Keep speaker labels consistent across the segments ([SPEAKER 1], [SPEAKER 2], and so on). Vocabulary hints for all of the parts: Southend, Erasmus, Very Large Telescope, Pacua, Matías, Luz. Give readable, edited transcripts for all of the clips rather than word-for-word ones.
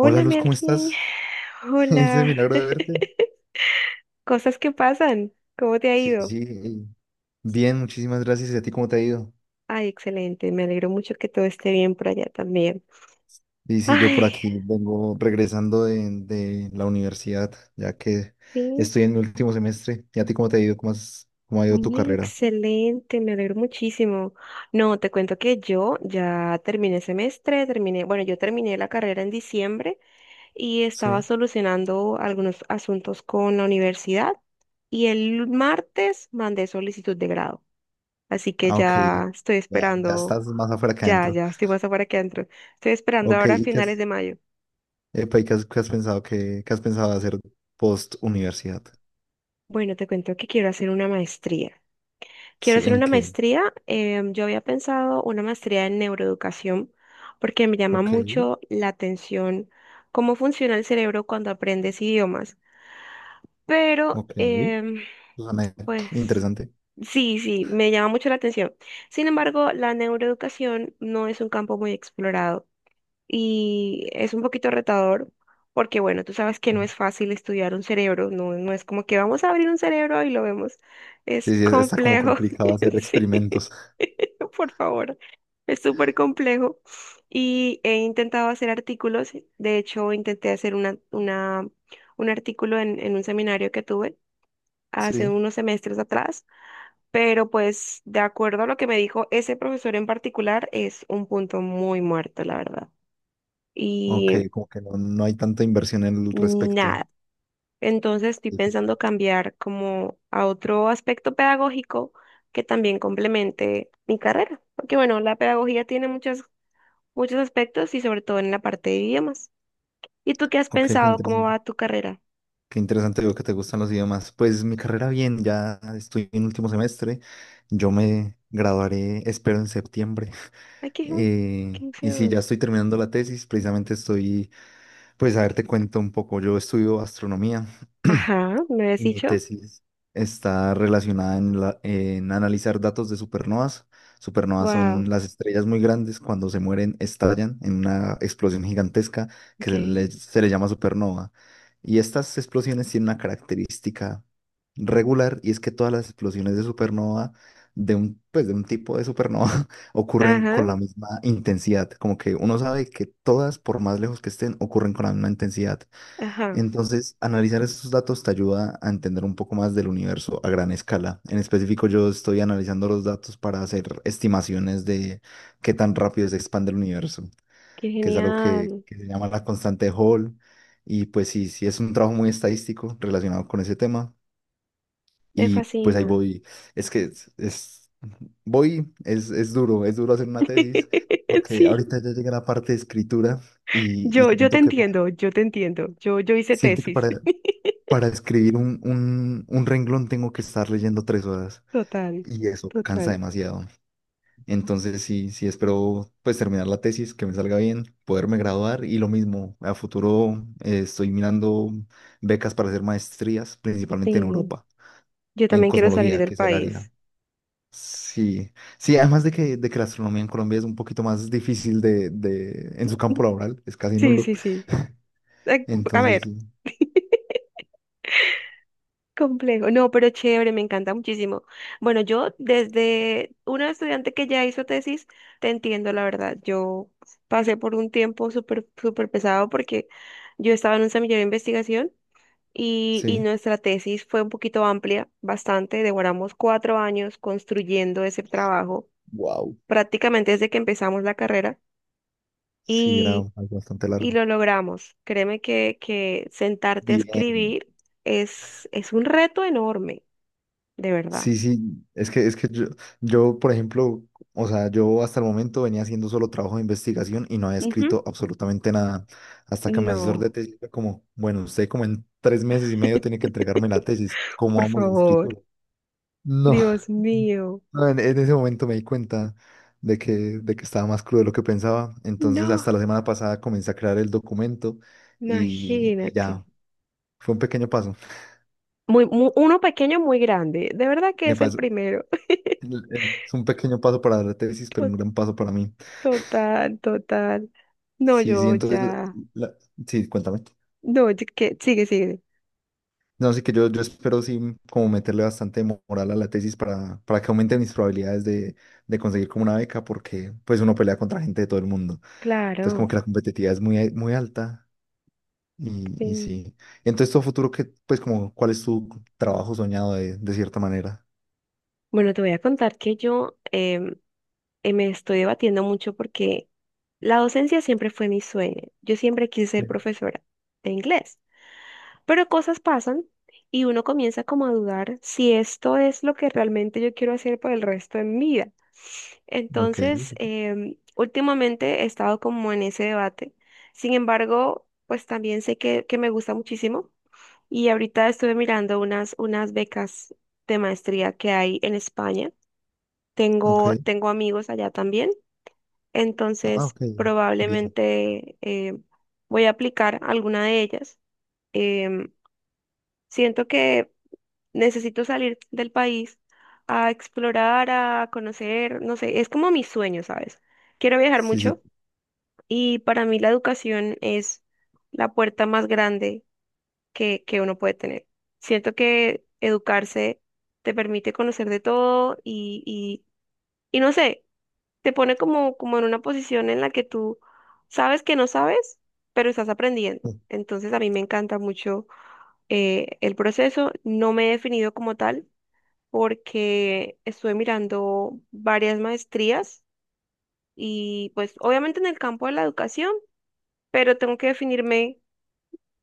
[SPEAKER 1] Hola Luz, ¿cómo
[SPEAKER 2] Melkin,
[SPEAKER 1] estás? Ese
[SPEAKER 2] hola,
[SPEAKER 1] milagro de verte.
[SPEAKER 2] cosas que pasan, ¿cómo te ha
[SPEAKER 1] Sí,
[SPEAKER 2] ido?
[SPEAKER 1] sí, bien, muchísimas gracias. ¿Y a ti cómo te ha ido?
[SPEAKER 2] Ay, excelente, me alegro mucho que todo esté bien por allá también.
[SPEAKER 1] Y sí, yo por
[SPEAKER 2] Ay,
[SPEAKER 1] aquí vengo regresando de la universidad, ya que
[SPEAKER 2] sí,
[SPEAKER 1] estoy en mi último semestre. ¿Y a ti cómo te ha ido? ¿Cómo cómo ha ido tu
[SPEAKER 2] ay,
[SPEAKER 1] carrera?
[SPEAKER 2] excelente, me alegro muchísimo. No, te cuento que yo ya terminé semestre, terminé, bueno, yo terminé la carrera en diciembre y estaba
[SPEAKER 1] Sí.
[SPEAKER 2] solucionando algunos asuntos con la universidad y el martes mandé solicitud de grado, así que
[SPEAKER 1] Ah, ok.
[SPEAKER 2] ya estoy
[SPEAKER 1] Ya, ya
[SPEAKER 2] esperando.
[SPEAKER 1] estás más afuera que
[SPEAKER 2] Ya,
[SPEAKER 1] adentro.
[SPEAKER 2] ya, estoy más afuera que adentro. Estoy esperando
[SPEAKER 1] Ok,
[SPEAKER 2] ahora a finales de mayo.
[SPEAKER 1] epa, ¿qué has pensado qué has pensado hacer post universidad?
[SPEAKER 2] Bueno, te cuento que quiero hacer una maestría. Quiero
[SPEAKER 1] Sí,
[SPEAKER 2] hacer
[SPEAKER 1] ¿en
[SPEAKER 2] una
[SPEAKER 1] qué?
[SPEAKER 2] maestría. Yo había pensado una maestría en neuroeducación porque me llama
[SPEAKER 1] Ok,
[SPEAKER 2] mucho la atención cómo funciona el cerebro cuando aprendes idiomas. Pero,
[SPEAKER 1] ok. Suena
[SPEAKER 2] pues,
[SPEAKER 1] interesante.
[SPEAKER 2] sí, sí, me llama mucho la atención. Sin embargo, la neuroeducación no es un campo muy explorado. Y es un poquito retador porque, bueno, tú sabes que no es fácil estudiar un cerebro, no, no es como que vamos a abrir un cerebro y lo vemos, es
[SPEAKER 1] Sí, sí, está como
[SPEAKER 2] complejo.
[SPEAKER 1] complicado hacer
[SPEAKER 2] Sí,
[SPEAKER 1] experimentos.
[SPEAKER 2] por favor, es súper complejo y he intentado hacer artículos. De hecho intenté hacer un artículo en un seminario que tuve hace
[SPEAKER 1] Sí,
[SPEAKER 2] unos semestres atrás. Pero pues de acuerdo a lo que me dijo ese profesor en particular, es un punto muy muerto, la verdad.
[SPEAKER 1] ok,
[SPEAKER 2] Y
[SPEAKER 1] como que no, no hay tanta inversión en el respecto.
[SPEAKER 2] nada. Entonces estoy
[SPEAKER 1] Difícil.
[SPEAKER 2] pensando cambiar como a otro aspecto pedagógico que también complemente mi carrera. Porque bueno, la pedagogía tiene muchos, muchos aspectos, y sobre todo en la parte de idiomas. ¿Y tú qué has
[SPEAKER 1] Ok, qué
[SPEAKER 2] pensado? ¿Cómo
[SPEAKER 1] interesante.
[SPEAKER 2] va tu carrera?
[SPEAKER 1] Qué interesante, veo que te gustan los idiomas. Pues mi carrera bien, ya estoy en último semestre. Yo me graduaré, espero, en septiembre.
[SPEAKER 2] Ay, uy, qué
[SPEAKER 1] Y sí,
[SPEAKER 2] feo.
[SPEAKER 1] ya estoy terminando la tesis. Pues a ver, te cuento un poco. Yo estudio astronomía.
[SPEAKER 2] Ajá, ¿me habías
[SPEAKER 1] Y mi
[SPEAKER 2] dicho?
[SPEAKER 1] tesis está relacionada en analizar datos de supernovas. Supernovas son
[SPEAKER 2] Wow,
[SPEAKER 1] las estrellas muy grandes; cuando se mueren estallan en una explosión gigantesca que
[SPEAKER 2] ok.
[SPEAKER 1] se le llama supernova. Y estas explosiones tienen una característica regular, y es que todas las explosiones de supernova, pues de un tipo de supernova, ocurren con
[SPEAKER 2] Ajá,
[SPEAKER 1] la misma intensidad. Como que uno sabe que todas, por más lejos que estén, ocurren con la misma intensidad.
[SPEAKER 2] ajá,
[SPEAKER 1] Entonces, analizar esos datos te ayuda a entender un poco más del universo a gran escala. En específico, yo estoy analizando los datos para hacer estimaciones de qué tan rápido se expande el universo,
[SPEAKER 2] qué
[SPEAKER 1] que es algo
[SPEAKER 2] genial.
[SPEAKER 1] que se llama la constante de Hall. Y pues sí, sí es un trabajo muy estadístico relacionado con ese tema.
[SPEAKER 2] Me
[SPEAKER 1] Y pues ahí
[SPEAKER 2] fascina.
[SPEAKER 1] voy. Es que es- voy, Es duro, es duro hacer una tesis, porque
[SPEAKER 2] Sí,
[SPEAKER 1] ahorita ya llega la parte de escritura y
[SPEAKER 2] yo te
[SPEAKER 1] siento que
[SPEAKER 2] entiendo, yo te entiendo. Yo hice
[SPEAKER 1] siento que
[SPEAKER 2] tesis.
[SPEAKER 1] para Para escribir un renglón tengo que estar leyendo 3 horas,
[SPEAKER 2] Total,
[SPEAKER 1] y eso cansa
[SPEAKER 2] total.
[SPEAKER 1] demasiado. Entonces sí, sí espero pues terminar la tesis, que me salga bien, poderme graduar, y lo mismo, a futuro estoy mirando becas para hacer maestrías, principalmente en
[SPEAKER 2] Sí,
[SPEAKER 1] Europa,
[SPEAKER 2] yo
[SPEAKER 1] en
[SPEAKER 2] también quiero salir
[SPEAKER 1] cosmología,
[SPEAKER 2] del
[SPEAKER 1] que es el área.
[SPEAKER 2] país.
[SPEAKER 1] Sí, sí, además de que la astronomía en Colombia es un poquito más difícil en su campo laboral, es casi
[SPEAKER 2] Sí,
[SPEAKER 1] nulo.
[SPEAKER 2] sí, sí. Eh, A
[SPEAKER 1] Entonces
[SPEAKER 2] ver,
[SPEAKER 1] sí,
[SPEAKER 2] complejo. No, pero chévere, me encanta muchísimo. Bueno, yo, desde una estudiante que ya hizo tesis, te entiendo, la verdad. Yo pasé por un tiempo súper, súper pesado porque yo estaba en un semillero de investigación, y
[SPEAKER 1] sí,
[SPEAKER 2] nuestra tesis fue un poquito amplia, bastante. Demoramos 4 años construyendo ese trabajo,
[SPEAKER 1] wow,
[SPEAKER 2] prácticamente desde que empezamos la carrera.
[SPEAKER 1] sí, era
[SPEAKER 2] Y,
[SPEAKER 1] algo bastante
[SPEAKER 2] y
[SPEAKER 1] largo.
[SPEAKER 2] lo logramos. Créeme que, sentarte a
[SPEAKER 1] Bien.
[SPEAKER 2] escribir es un reto enorme, de verdad.
[SPEAKER 1] Sí, sí, es que yo, por ejemplo, o sea, yo hasta el momento venía haciendo solo trabajo de investigación y no había
[SPEAKER 2] Ujú.
[SPEAKER 1] escrito absolutamente nada. Hasta que mi asesor de
[SPEAKER 2] No,
[SPEAKER 1] tesis fue como, bueno, usted como en 3 meses y medio tiene que entregarme la tesis, ¿cómo
[SPEAKER 2] por
[SPEAKER 1] vamos de
[SPEAKER 2] favor.
[SPEAKER 1] escritura? No,
[SPEAKER 2] Dios mío.
[SPEAKER 1] no, en ese momento me di cuenta de que, de que estaba más crudo de lo que pensaba. Entonces,
[SPEAKER 2] No,
[SPEAKER 1] hasta la semana pasada comencé a crear el documento y
[SPEAKER 2] imagínate.
[SPEAKER 1] ya, fue un pequeño paso.
[SPEAKER 2] Uno pequeño, muy grande. De verdad que
[SPEAKER 1] Me
[SPEAKER 2] es el
[SPEAKER 1] pasó-
[SPEAKER 2] primero.
[SPEAKER 1] Es un pequeño paso para la tesis, pero
[SPEAKER 2] To-
[SPEAKER 1] un gran paso para mí.
[SPEAKER 2] Total, total. No,
[SPEAKER 1] Sí, sí,
[SPEAKER 2] yo
[SPEAKER 1] entonces, la-
[SPEAKER 2] ya.
[SPEAKER 1] la- sí, cuéntame.
[SPEAKER 2] No, que sigue, sigue.
[SPEAKER 1] No, sí que yo espero sí como meterle bastante moral a la tesis para que aumente mis probabilidades de conseguir como una beca, porque pues uno pelea contra gente de todo el mundo. Entonces como
[SPEAKER 2] Claro.
[SPEAKER 1] que la competitividad es muy, muy alta y, y
[SPEAKER 2] Sí.
[SPEAKER 1] sí. Y entonces tu futuro, que pues como, ¿cuál es tu trabajo soñado de cierta manera?
[SPEAKER 2] Bueno, te voy a contar que yo, me estoy debatiendo mucho porque la docencia siempre fue mi sueño. Yo siempre quise ser
[SPEAKER 1] Sí.
[SPEAKER 2] profesora de inglés, pero cosas pasan y uno comienza como a dudar si esto es lo que realmente yo quiero hacer por el resto de mi vida.
[SPEAKER 1] Ok,
[SPEAKER 2] Entonces,
[SPEAKER 1] sí,
[SPEAKER 2] últimamente he estado como en ese debate. Sin embargo, pues también sé que, me gusta muchísimo, y ahorita estuve mirando unas becas de maestría que hay en España. Tengo,
[SPEAKER 1] ok.
[SPEAKER 2] tengo amigos allá también.
[SPEAKER 1] Ah,
[SPEAKER 2] Entonces,
[SPEAKER 1] ok. Bien.
[SPEAKER 2] probablemente voy a aplicar alguna de ellas. Em, Siento que necesito salir del país a explorar, a conocer, no sé, es como mi sueño, ¿sabes? Quiero viajar
[SPEAKER 1] Sí, sí.
[SPEAKER 2] mucho, y para mí la educación es la puerta más grande que, uno puede tener. Siento que educarse te permite conocer de todo, y no sé. Te pone como, en una posición en la que tú sabes que no sabes, pero estás aprendiendo. Entonces a mí me encanta mucho, el proceso. No me he definido como tal porque estuve mirando varias maestrías y pues obviamente en el campo de la educación, pero tengo que definirme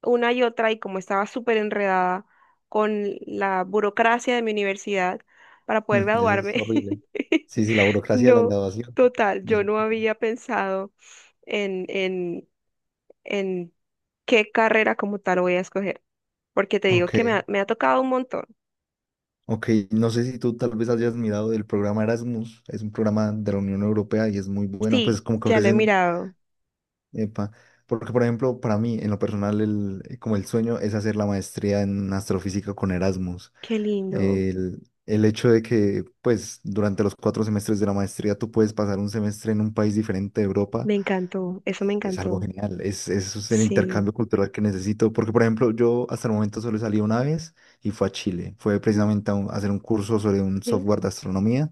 [SPEAKER 2] una y otra, y como estaba súper enredada con la burocracia de mi universidad para poder
[SPEAKER 1] Mm, eso es
[SPEAKER 2] graduarme.
[SPEAKER 1] horrible. Sí, sí, la burocracia de la
[SPEAKER 2] No,
[SPEAKER 1] graduación.
[SPEAKER 2] total,
[SPEAKER 1] Es-
[SPEAKER 2] yo no había pensado en, en, en qué carrera como tal voy a escoger, porque te digo
[SPEAKER 1] Ok.
[SPEAKER 2] que me ha tocado un montón.
[SPEAKER 1] Ok, no sé si tú tal vez hayas mirado el programa Erasmus, es un programa de la Unión Europea y es muy bueno, pues
[SPEAKER 2] Sí,
[SPEAKER 1] como que
[SPEAKER 2] ya lo he
[SPEAKER 1] ofrecen,
[SPEAKER 2] mirado.
[SPEAKER 1] epa, porque por ejemplo, para mí, en lo personal, como el sueño es hacer la maestría en astrofísica con Erasmus.
[SPEAKER 2] Qué lindo,
[SPEAKER 1] El hecho de que, pues, durante los 4 semestres de la maestría tú puedes pasar un semestre en un país diferente de Europa
[SPEAKER 2] me encantó, eso me
[SPEAKER 1] es algo
[SPEAKER 2] encantó.
[SPEAKER 1] genial, es el
[SPEAKER 2] Sí,
[SPEAKER 1] intercambio cultural que necesito, porque por ejemplo yo hasta el momento solo salí una vez y fue a Chile, fue
[SPEAKER 2] sí,
[SPEAKER 1] precisamente a, a hacer un curso sobre un
[SPEAKER 2] sí,
[SPEAKER 1] software de astronomía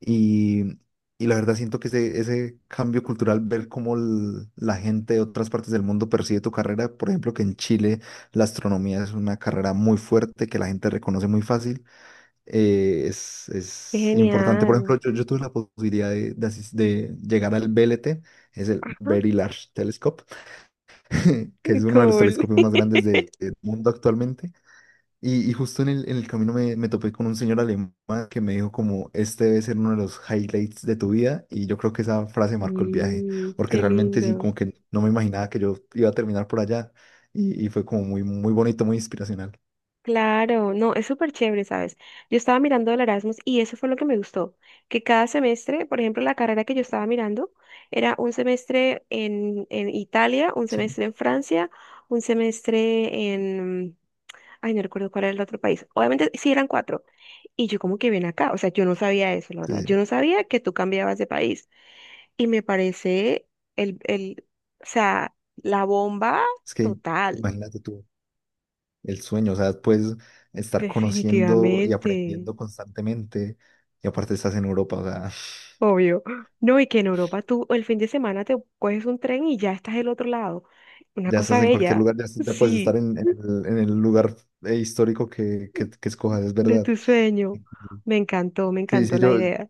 [SPEAKER 1] y, y la verdad siento que ese cambio cultural, ver cómo la gente de otras partes del mundo percibe tu carrera, por ejemplo que en Chile la astronomía es una carrera muy fuerte que la gente reconoce muy fácil,
[SPEAKER 2] qué
[SPEAKER 1] es importante. Por
[SPEAKER 2] genial.
[SPEAKER 1] ejemplo, yo tuve la posibilidad de llegar al BLT, es el
[SPEAKER 2] Ajá,
[SPEAKER 1] Very Large Telescope que es uno de los
[SPEAKER 2] cool.
[SPEAKER 1] telescopios más grandes del mundo actualmente. Y justo en el camino me, me topé con un señor alemán que me dijo como, este debe ser uno de los highlights de tu vida. Y yo creo que esa frase marcó el viaje,
[SPEAKER 2] Mm,
[SPEAKER 1] porque
[SPEAKER 2] qué
[SPEAKER 1] realmente sí,
[SPEAKER 2] lindo.
[SPEAKER 1] como que no me imaginaba que yo iba a terminar por allá. Y fue como muy, muy bonito, muy inspiracional.
[SPEAKER 2] Claro, no, es súper chévere, ¿sabes? Yo estaba mirando el Erasmus y eso fue lo que me gustó, que cada semestre, por ejemplo, la carrera que yo estaba mirando era un semestre en Italia, un
[SPEAKER 1] Sí,
[SPEAKER 2] semestre en Francia, un semestre en. Ay, no recuerdo cuál era el otro país. Obviamente sí eran cuatro. Y yo como que ven acá, o sea, yo no sabía eso, la
[SPEAKER 1] sí,
[SPEAKER 2] verdad. Yo
[SPEAKER 1] sí.
[SPEAKER 2] no sabía que tú cambiabas de país. Y me parece el, el, o sea, la bomba
[SPEAKER 1] Es que
[SPEAKER 2] total,
[SPEAKER 1] imagínate tú el sueño, o sea, puedes estar conociendo y
[SPEAKER 2] definitivamente.
[SPEAKER 1] aprendiendo constantemente. Y aparte estás en Europa, o sea,
[SPEAKER 2] Obvio. No, y que en Europa tú el fin de semana te coges un tren y ya estás del otro lado. Una
[SPEAKER 1] ya
[SPEAKER 2] cosa
[SPEAKER 1] estás en cualquier
[SPEAKER 2] bella.
[SPEAKER 1] lugar, ya, ya puedes estar
[SPEAKER 2] Sí,
[SPEAKER 1] en, en el lugar histórico que escojas, es
[SPEAKER 2] de
[SPEAKER 1] verdad.
[SPEAKER 2] tu sueño.
[SPEAKER 1] Ujú.
[SPEAKER 2] Me
[SPEAKER 1] Sí,
[SPEAKER 2] encantó
[SPEAKER 1] sí,
[SPEAKER 2] la
[SPEAKER 1] yo,
[SPEAKER 2] idea.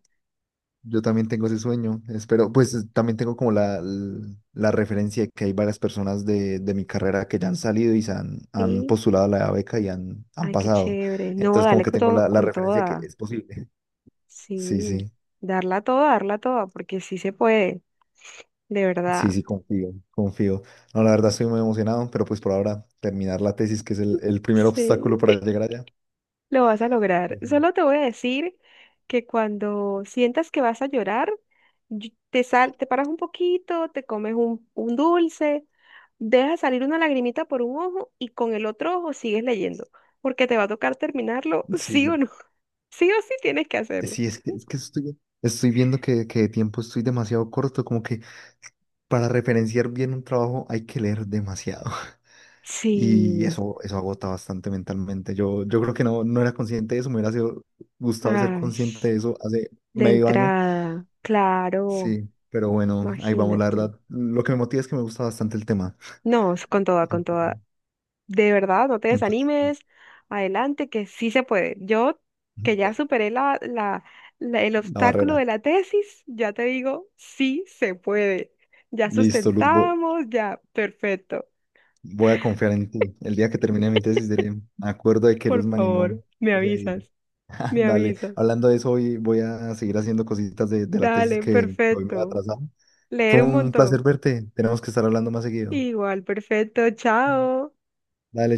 [SPEAKER 1] yo también tengo ese sueño, espero, pues también tengo como la, la referencia de que hay varias personas de mi carrera que ya han salido y se han, han
[SPEAKER 2] Sí,
[SPEAKER 1] postulado a la beca y han, han
[SPEAKER 2] ay, qué
[SPEAKER 1] pasado.
[SPEAKER 2] chévere. No,
[SPEAKER 1] Entonces como
[SPEAKER 2] dale
[SPEAKER 1] que tengo la, la
[SPEAKER 2] con
[SPEAKER 1] referencia que
[SPEAKER 2] toda.
[SPEAKER 1] es posible. Sí,
[SPEAKER 2] Sí,
[SPEAKER 1] sí,
[SPEAKER 2] darla toda, porque sí se puede, de
[SPEAKER 1] sí,
[SPEAKER 2] verdad.
[SPEAKER 1] sí, confío, confío. No, la verdad estoy muy emocionado, pero pues por ahora terminar la tesis, que es el primer
[SPEAKER 2] Sí.
[SPEAKER 1] obstáculo para llegar allá.
[SPEAKER 2] Lo vas a lograr.
[SPEAKER 1] Sí, sí.
[SPEAKER 2] Solo te voy a decir que cuando sientas que vas a llorar, te paras un poquito, te comes un dulce, dejas salir una lagrimita por un ojo y con el otro ojo sigues leyendo, porque te va a tocar terminarlo, sí o
[SPEAKER 1] Sí,
[SPEAKER 2] no. Sí o sí tienes que hacerlo.
[SPEAKER 1] sí, es que estoy, estoy viendo que de tiempo estoy demasiado corto, como que para referenciar bien un trabajo hay que leer demasiado y
[SPEAKER 2] Sí.
[SPEAKER 1] eso agota bastante mentalmente. Yo creo que no, no era consciente de eso, gustado ser
[SPEAKER 2] Ay,
[SPEAKER 1] consciente de eso hace
[SPEAKER 2] de
[SPEAKER 1] medio año,
[SPEAKER 2] entrada, claro,
[SPEAKER 1] sí, pero bueno, ahí vamos, la
[SPEAKER 2] imagínate.
[SPEAKER 1] verdad. Lo que me motiva es que me gusta bastante el tema.
[SPEAKER 2] No, es con toda, con
[SPEAKER 1] Ujú.
[SPEAKER 2] toda. De verdad, no te
[SPEAKER 1] Entonces,
[SPEAKER 2] desanimes, adelante, que sí se puede. Yo, que ya superé el
[SPEAKER 1] la
[SPEAKER 2] obstáculo
[SPEAKER 1] barrera.
[SPEAKER 2] de la tesis, ya te digo, sí se puede. Ya
[SPEAKER 1] Listo, Luz,
[SPEAKER 2] sustentamos, ya, perfecto.
[SPEAKER 1] voy a confiar en ti. El día que termine mi tesis diré, me acuerdo de que
[SPEAKER 2] Por
[SPEAKER 1] Luz me animó
[SPEAKER 2] favor, me
[SPEAKER 1] ese día.
[SPEAKER 2] avisas, me
[SPEAKER 1] Dale,
[SPEAKER 2] avisas.
[SPEAKER 1] hablando de eso, hoy voy a seguir haciendo cositas de la tesis
[SPEAKER 2] Dale,
[SPEAKER 1] que hoy me ha
[SPEAKER 2] perfecto.
[SPEAKER 1] atrasado. Fue
[SPEAKER 2] Leer un
[SPEAKER 1] un placer
[SPEAKER 2] montón.
[SPEAKER 1] verte. Tenemos que estar hablando más seguido.
[SPEAKER 2] Igual, perfecto, chao.
[SPEAKER 1] Dale.